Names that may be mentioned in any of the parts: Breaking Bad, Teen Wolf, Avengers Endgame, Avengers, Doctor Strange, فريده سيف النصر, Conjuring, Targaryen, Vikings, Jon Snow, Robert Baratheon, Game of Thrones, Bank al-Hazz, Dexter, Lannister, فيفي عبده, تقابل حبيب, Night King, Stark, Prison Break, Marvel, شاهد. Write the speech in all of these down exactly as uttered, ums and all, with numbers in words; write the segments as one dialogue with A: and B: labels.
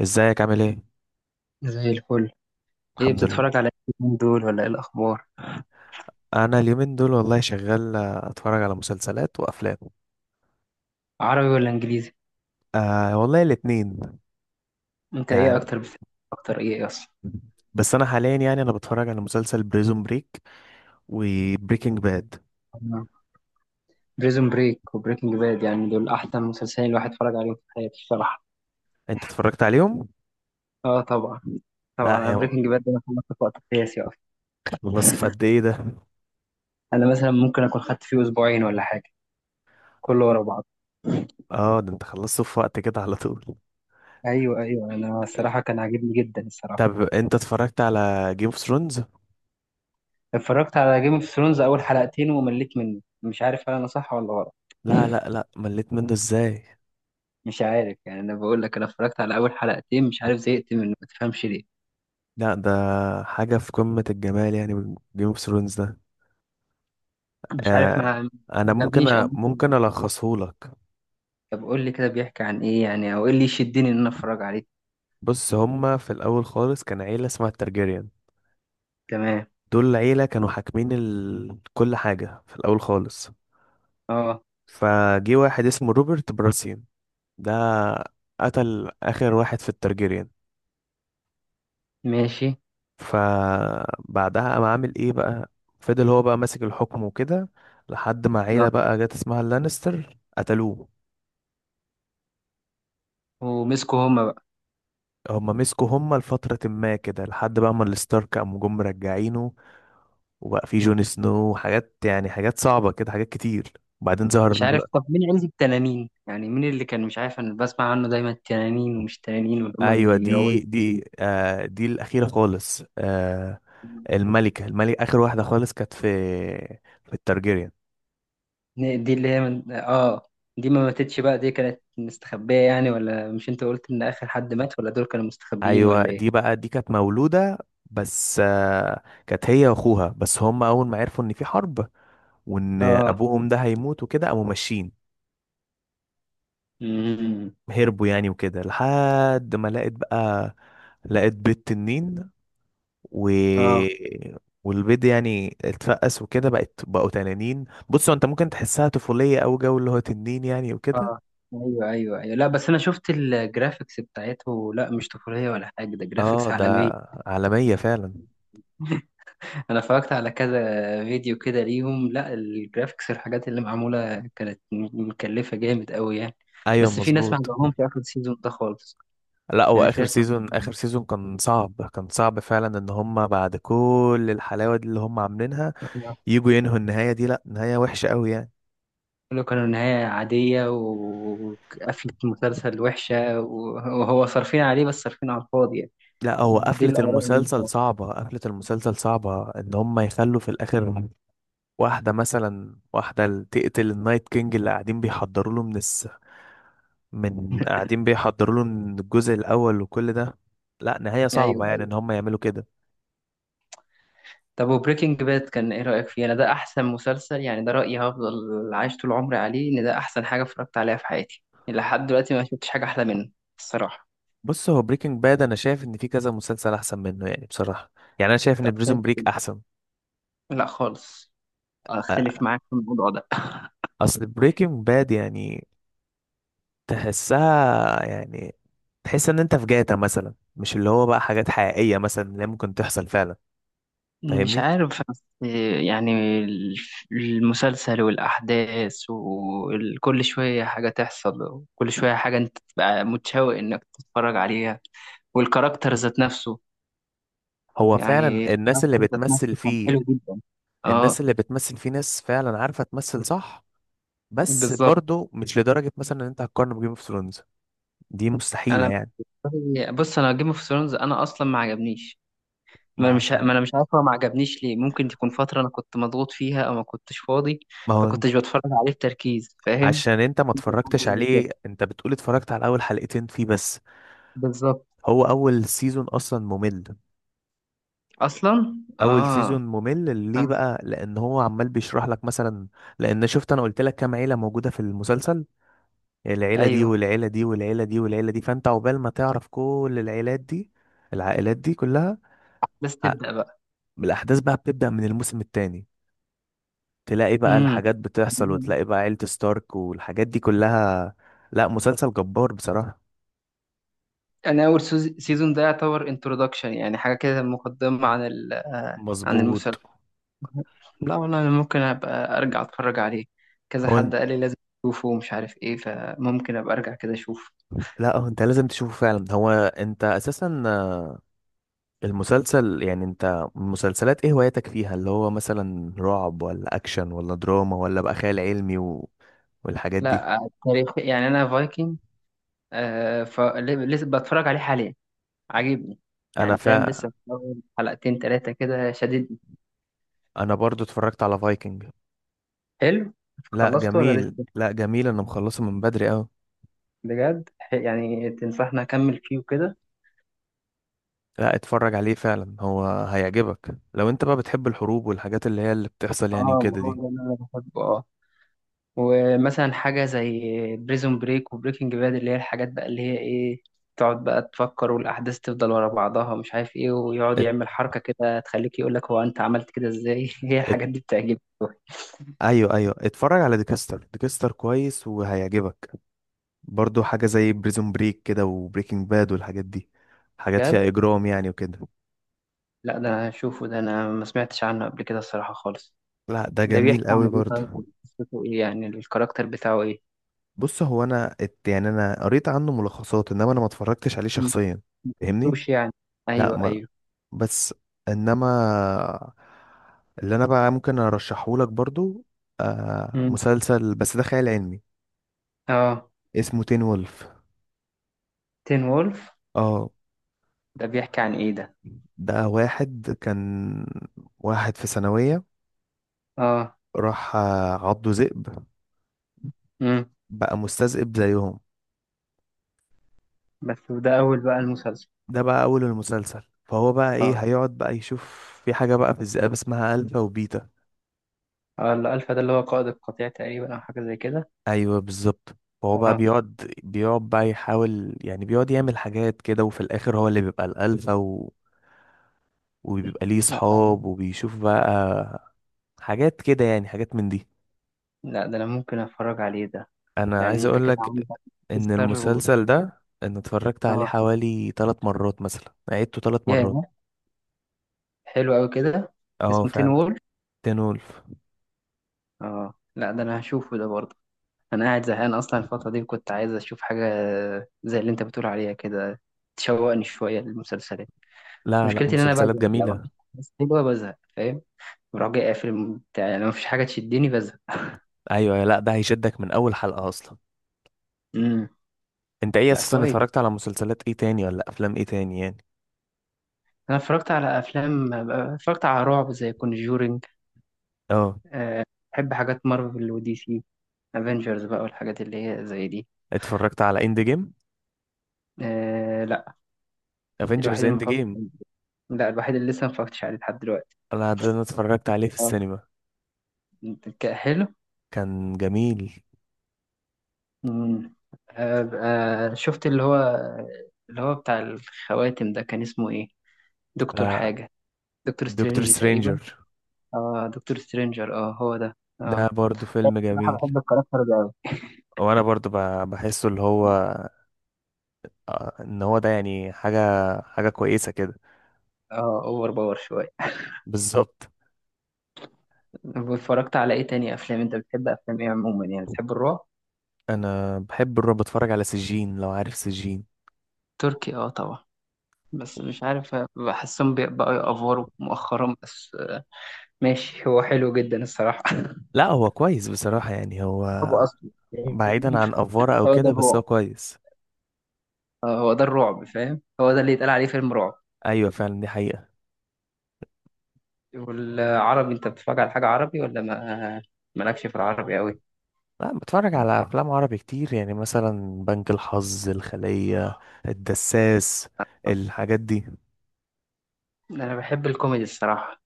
A: ازيك عامل ايه؟
B: زي الفل. ايه
A: الحمد لله.
B: بتتفرج على ايه اليومين دول، ولا ايه الاخبار؟
A: انا اليومين دول والله شغال، آه، اتفرج على مسلسلات وافلام.
B: عربي ولا انجليزي؟
A: آه والله الاتنين.
B: انت ايه
A: يعني
B: اكتر بتحب؟ اكتر ايه اصلا؟
A: بس انا حاليا يعني انا بتفرج على مسلسل بريزون بريك وبريكنج باد.
B: بريزون بريك وبريكنج باد، يعني دول احسن مسلسلين الواحد اتفرج عليهم في حياته الصراحه.
A: انت اتفرجت عليهم؟
B: اه طبعا. طبعا
A: لا
B: انا
A: يا هو،
B: بريكنج باد ده انا خلصته في وقت قياسي اصلا.
A: خلصت في قد ايه ده؟
B: انا مثلا ممكن اكون خدت فيه اسبوعين ولا حاجه، كله ورا بعض.
A: اه، ده انت خلصته في وقت كده على طول.
B: ايوه ايوه، انا الصراحه كان عاجبني جدا الصراحه.
A: طب انت اتفرجت على جيم اوف ثرونز؟
B: اتفرجت على جيم اوف ثرونز اول حلقتين ومليت منه، مش عارف هل انا صح ولا غلط.
A: لا لا لا، مليت منه ازاي؟
B: مش عارف يعني، انا بقول لك انا اتفرجت على اول حلقتين، مش عارف زهقت منه، ما تفهمش ليه.
A: لا، ده حاجة في قمة الجمال يعني جيم اوف ثرونز.
B: مش عارف،
A: آه،
B: ما ما
A: انا ممكن
B: عجبنيش او
A: أ...
B: ممكن.
A: ممكن الخصه لك.
B: طب قول لي كده بيحكي عن ايه يعني، او ايه اللي يشدني ان انا اتفرج عليه.
A: بص، هما في الاول خالص كان عيله اسمها الترجيريان.
B: تمام.
A: دول عيله كانوا حاكمين ال... كل حاجه في الاول خالص.
B: اه.
A: فجي واحد اسمه روبرت براسيان، ده قتل اخر واحد في الترجيريان.
B: ماشي.
A: فبعدها قام عامل ايه بقى، فضل هو بقى ماسك الحكم وكده لحد ما عيله
B: اه.
A: بقى جت اسمها اللانستر قتلوه.
B: ومسكوا هما بقى.
A: هما مسكوا هما لفترة ما كده لحد بقى ما الستارك قاموا جم مرجعينه، وبقى في جون سنو وحاجات، يعني حاجات صعبة كده، حاجات كتير. وبعدين ظهر
B: مش عارف، طب مين عيلة التنانين يعني؟ مين اللي كان مش عارف انا بسمع عنه دايما التنانين ومش تنانين واللي هما
A: ايوه، دي
B: بيروضوا
A: دي
B: التنانين؟
A: آه دي الأخيرة خالص. آه الملكة الملكة آخر واحدة خالص كانت في في التارجيريان.
B: دي اللي هي من... اه، دي ما ماتتش بقى؟ دي كانت مستخبية يعني، ولا مش انت قلت ان اخر حد مات؟ ولا دول كانوا مستخبيين
A: ايوه
B: ولا ايه؟
A: دي بقى، دي كانت مولودة بس. آه كانت هي واخوها بس، هما اول ما عرفوا ان في حرب وان
B: اه.
A: ابوهم ده هيموت وكده قاموا ماشيين.
B: امم.
A: هربوا يعني وكده لحد ما لقيت بقى، لقيت بيض تنين و...
B: اه.
A: والبيض يعني اتفقس وكده بقت بقوا تنانين. بص هو، انت ممكن تحسها طفولية او جو اللي هو تنين يعني وكده.
B: اه. ايوه ايوه ايوه، لا بس انا شفت الجرافيكس بتاعته، لا مش طفوليه ولا حاجه، ده
A: اه
B: جرافيكس
A: ده
B: عالميه.
A: عالمية فعلا.
B: انا اتفرجت على كذا فيديو كده ليهم، لا الجرافيكس الحاجات اللي معموله كانت م- مكلفه جامد قوي يعني.
A: ايوه
B: بس في ناس ما
A: مظبوط.
B: عجبهمش اخر السيزون ده خالص.
A: لا، هو
B: يعني في
A: اخر
B: ناس ما
A: سيزون،
B: عجبهمش
A: اخر سيزون كان صعب، كان صعب فعلا ان هم بعد كل الحلاوة دي اللي هم عاملينها يجوا ينهوا النهاية دي. لا، نهاية وحشة قوي يعني.
B: كله، كانوا نهايه عاديه و- وقفله مسلسل وحشه، و- وهو صارفين عليه بس صارفين على الفاضي يعني.
A: لا هو،
B: دي
A: قفلة
B: الاراء اللي أنا
A: المسلسل
B: سمعتها.
A: صعبة، قفلة المسلسل صعبة ان هم يخلوا في الاخر واحدة، مثلا واحدة اللي تقتل النايت كينج اللي قاعدين بيحضروا له من الس... من قاعدين بيحضروا له من الجزء الأول وكل ده. لا، نهاية صعبة يعني إن
B: ايوه.
A: هم يعملوا كده.
B: طب وبريكنج باد كان ايه رأيك فيه؟ انا ده احسن مسلسل، يعني ده رأيي هفضل عايش طول عمري عليه، ان ده احسن حاجة اتفرجت عليها في حياتي يعني، لحد دلوقتي ما شفتش حاجة احلى منه الصراحة.
A: بص، هو بريكنج باد أنا شايف إن في كذا مسلسل أحسن منه يعني، بصراحة. يعني أنا شايف إن
B: طب شايف
A: بريزون بريك
B: كده؟
A: أحسن.
B: لا خالص، اختلف
A: أ-
B: معاك في الموضوع ده.
A: أصل بريكنج باد يعني تحسها، يعني تحس إن أنت في جاتا مثلا، مش اللي هو بقى حاجات حقيقية مثلا اللي ممكن تحصل فعلا،
B: مش
A: فاهمني؟
B: عارف بس يعني ال- المسلسل والأحداث، وكل شوية حاجة تحصل، وكل شوية حاجة أنت تبقى متشوق إنك تتفرج عليها، والكاركتر ذات نفسه.
A: هو
B: يعني
A: فعلا الناس اللي
B: الكاركتر ذات
A: بتمثل
B: نفسه كان
A: فيه،
B: حلو جدا.
A: الناس
B: اه.
A: اللي بتمثل في ناس فعلا عارفة تمثل صح. بس
B: بالظبط.
A: برضو مش لدرجة مثلا ان انت هتقارن بجيم اوف ثرونز، دي مستحيلة
B: انا،
A: يعني.
B: بص انا جيم اوف ثرونز انا اصلا ما عجبنيش. ما
A: ما
B: أنا مش ما
A: عشان
B: انا مش عارف هو ما عجبنيش ليه، ممكن تكون فتره انا كنت مضغوط فيها او ما كنتش فاضي،
A: ما هو انت-
B: فكنتش بتفرج عليه بتركيز، فاهم.
A: عشان انت ما
B: حاجه
A: اتفرجتش
B: زي كده.
A: عليه، انت بتقول اتفرجت على اول حلقتين فيه بس.
B: بالظبط.
A: هو اول سيزون اصلا ممل.
B: اصلا
A: اول
B: اه.
A: سيزون ممل ليه
B: آه.
A: بقى؟ لان هو عمال بيشرح لك مثلا، لان شفت انا قلت لك كام عيلة موجودة في المسلسل، العيلة دي
B: ايوه.
A: والعيلة دي والعيلة دي والعيلة دي، فانت عقبال ما تعرف كل العيلات دي، العائلات دي كلها.
B: بس تبدا بقى.
A: الأحداث بقى بتبدأ من الموسم التاني، تلاقي بقى
B: امم.
A: الحاجات بتحصل وتلاقي بقى عيلة ستارك والحاجات دي كلها. لا، مسلسل جبار بصراحة.
B: انا اول سيزون ده يعتبر انترودكشن، يعني حاجه كده مقدمه عن ال- آه، عن
A: مظبوط.
B: المسلسل. لا والله انا ممكن ابقى ارجع اتفرج عليه، كذا
A: هو
B: حد قال لي لازم اشوفه ومش عارف ايه، فممكن ابقى ارجع كده اشوف.
A: لا، هو انت لازم تشوفه فعلا، هو انت اساسا، آه، المسلسل، يعني انت مسلسلات ايه هوايتك فيها؟ اللي هو مثلا رعب ولا اكشن ولا دراما ولا بقى خيال علمي و... والحاجات دي.
B: لا، تاريخ يعني، انا فايكنج آه فلسه بتفرج عليه حاليا، عاجبني
A: انا
B: يعني، فاهم،
A: فا
B: لسه في أول حلقتين ثلاثة كده شددني.
A: انا برضو اتفرجت على فايكنج.
B: حلو.
A: لا
B: خلصته ولا
A: جميل،
B: لسه؟
A: لا جميل، انا مخلصه من بدري قوي.
B: بجد، ح- يعني تنصحني اكمل فيه وكده؟
A: لا، اتفرج عليه فعلا هو هيعجبك لو انت بقى بتحب الحروب والحاجات اللي هي اللي بتحصل
B: اه.
A: يعني
B: ما
A: وكده
B: هو
A: دي.
B: ده اللي انا بحبه. اه. ومثلا حاجة زي بريزون بريك وبريكنج باد، اللي هي الحاجات بقى اللي هي ايه، تقعد بقى تفكر، والأحداث تفضل ورا بعضها مش عارف ايه، ويقعد
A: ات...
B: يعمل حركة كده تخليك يقولك هو أنت عملت كده ازاي. هي
A: ات...
B: الحاجات دي بتعجبني أوي.
A: ايوه ايوه، اتفرج على ديكستر. ديكستر كويس وهيعجبك، برضو حاجة زي بريزون بريك كده وبريكنج باد والحاجات دي، حاجات
B: بجد؟
A: فيها اجرام يعني وكده.
B: لا ده أنا هشوفه، ده أنا ما سمعتش عنه قبل كده الصراحة خالص.
A: لا ده
B: ده بيحكي
A: جميل
B: عن
A: قوي
B: ايه
A: برضو.
B: طيب؟ قصته ايه يعني، الكاركتر بتاعه ايه؟
A: بص، هو انا ات... يعني انا قريت عنه ملخصات انما انا ما اتفرجتش عليه
B: م-
A: شخصيا،
B: ما
A: فاهمني؟
B: شفتوش يعني.
A: لا
B: أيوه
A: ما،
B: أيوه.
A: بس انما اللي انا بقى ممكن ارشحه لك برضو، آه
B: م.
A: مسلسل بس ده خيال علمي،
B: اه.
A: اسمه تين وولف.
B: تين وولف.
A: اه،
B: ده بيحكي عن ايه ده؟
A: ده واحد كان واحد في ثانوية،
B: اه.
A: راح آه، عضه ذئب،
B: م.
A: بقى مستذئب زيهم.
B: بس ده أول بقى المسلسل.
A: ده بقى اول المسلسل، فهو بقى
B: اه.
A: ايه، هيقعد بقى يشوف في حاجة بقى في الذئاب اسمها الفا وبيتا.
B: آه، الألفا ده اللي هو قائد القطيع تقريبا أو حاجة زي كده.
A: ايوه بالظبط، فهو بقى
B: آه
A: بيقعد بيقعد بقى يحاول يعني، بيقعد يعمل حاجات كده، وفي الاخر هو اللي بيبقى الالفا و... وبيبقى ليه
B: لا أنا-
A: صحاب وبيشوف بقى حاجات كده، يعني حاجات من دي.
B: لا ده أنا ممكن أتفرج عليه ده.
A: انا
B: يعني
A: عايز
B: أنت
A: اقول
B: كده
A: لك
B: عندك.
A: ان
B: تذكر و...
A: المسلسل ده انا اتفرجت عليه
B: آه.
A: حوالي ثلاث مرات، مثلا عيدته ثلاث
B: ياه،
A: مرات
B: حلو أوي كده.
A: اه
B: اسمه تين
A: فعلا.
B: وول.
A: تين وولف.
B: آه لا ده أنا هشوفه ده برضه. أنا قاعد زهقان أصلا الفترة دي، وكنت عايز أشوف حاجة زي اللي أنت بتقول عليها كده، تشوقني شوية للمسلسلات.
A: لا لا،
B: مشكلتي إن أنا
A: مسلسلات
B: بزهق، لما
A: جميلة.
B: مفيش حاجة حلوة بزهق، فاهم، بروح جاي قافل بتاع، يعني لو مفيش حاجة تشدني بزهق.
A: ايوه لا، ده هيشدك من اول حلقة اصلا.
B: امم.
A: انت ايه
B: لا
A: اساسا،
B: كويس،
A: اتفرجت على مسلسلات ايه تاني ولا افلام ايه تاني يعني؟
B: انا اتفرجت على افلام، اتفرجت على رعب زي كونجورينج.
A: اه،
B: أه. بحب حاجات مارفل ودي سي، افنجرز بقى والحاجات اللي هي زي دي.
A: اتفرجت على اند جيم
B: أه لا،
A: افنجرز
B: الوحيد اللي ما
A: اند
B: فكرت،
A: جيم.
B: لا الوحيد اللي لسه ما اتفرجتش عليه لحد دلوقتي.
A: انا ده، انا اتفرجت عليه في
B: اه.
A: السينما،
B: ك- حلو.
A: كان جميل.
B: مم. أه. آه، شفت اللي هو، اللي هو بتاع الخواتم ده كان اسمه ايه؟ دكتور
A: آه،
B: حاجة، دكتور
A: دكتور
B: سترينج تقريبا.
A: سترينجر،
B: اه دكتور سترينجر، اه هو ده،
A: ده
B: اه.
A: برضو فيلم
B: بصراحة
A: جميل.
B: بحب الكاركتر ده أوي.
A: وانا برضو ب- بحسه اللي هو، آه، ان هو ده يعني حاجة حاجة كويسة كده.
B: اه اوفر باور شوية.
A: بالظبط.
B: واتفرجت على ايه تاني افلام؟ انت بتحب افلام ايه عموما يعني؟ بتحب الرعب؟
A: انا بحب الرعب، بتفرج على سجين، لو عارف سجين.
B: تركي اه طبعا، بس مش عارف بحسهم بي- بقوا يأفوروا مؤخرا بس، آه، ماشي هو حلو جدا الصراحة.
A: لا هو كويس بصراحة، يعني هو
B: هو اصلا
A: بعيدا عن افوارة او
B: هو ده
A: كده بس هو
B: الرعب،
A: كويس.
B: آه، هو ده الرعب فاهم، هو ده اللي يتقال عليه فيلم رعب.
A: ايوه فعلا، دي حقيقة.
B: والعربي انت بتتفرج على حاجة عربي ولا ما مالكش في العربي قوي؟
A: لا، بتفرج على افلام عربي كتير، يعني مثلا بنك الحظ، الخلية، الدساس، الحاجات دي.
B: انا بحب الكوميدي الصراحه.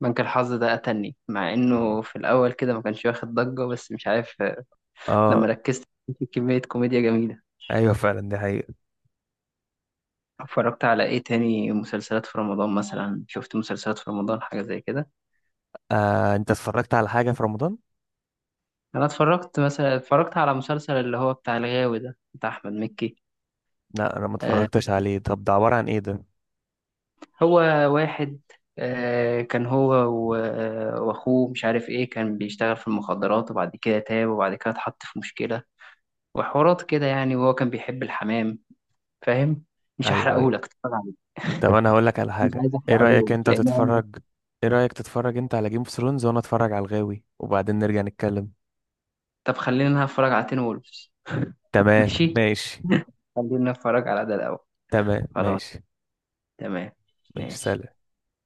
B: بنك الحظ ده قتلني، مع انه في الاول كده ما كانش واخد ضجه، بس مش عارف، آه،
A: اه
B: لما ركزت، في كميه كوميديا جميله.
A: ايوه فعلا، دي حقيقة.
B: اتفرجت على ايه تاني مسلسلات في رمضان؟ مثلا شفت مسلسلات في رمضان حاجة زي كده؟
A: آه انت اتفرجت على حاجة في رمضان؟
B: انا اتفرجت مثلا، اتفرجت على مسلسل اللي هو بتاع الغاوي ده بتاع احمد مكي.
A: لا انا ما
B: آه،
A: اتفرجتش عليه، طب ده عبارة عن ايه ده؟
B: هو واحد، آه كان هو و- آه، واخوه مش عارف ايه، كان بيشتغل في المخدرات وبعد كده تاب، وبعد كده اتحط في مشكلة وحوارات كده يعني، وهو كان بيحب الحمام، فاهم، مش
A: ايوه ايوه،
B: هحرقهولك، اتفرج عليه.
A: طب انا هقول لك على
B: مش
A: حاجة.
B: عايز
A: ايه رأيك
B: احرقهولك
A: انت
B: لان أنا-
A: تتفرج ايه رأيك تتفرج انت على جيم اوف ثرونز وانا اتفرج على الغاوي وبعدين نرجع نتكلم؟
B: طب خلينا نتفرج على تين وولفز.
A: تمام
B: ماشي.
A: ماشي.
B: خلينا نتفرج على ده الاول.
A: تمام
B: خلاص.
A: ماشي.
B: تمام.
A: ماشي
B: ماشي.
A: سلام.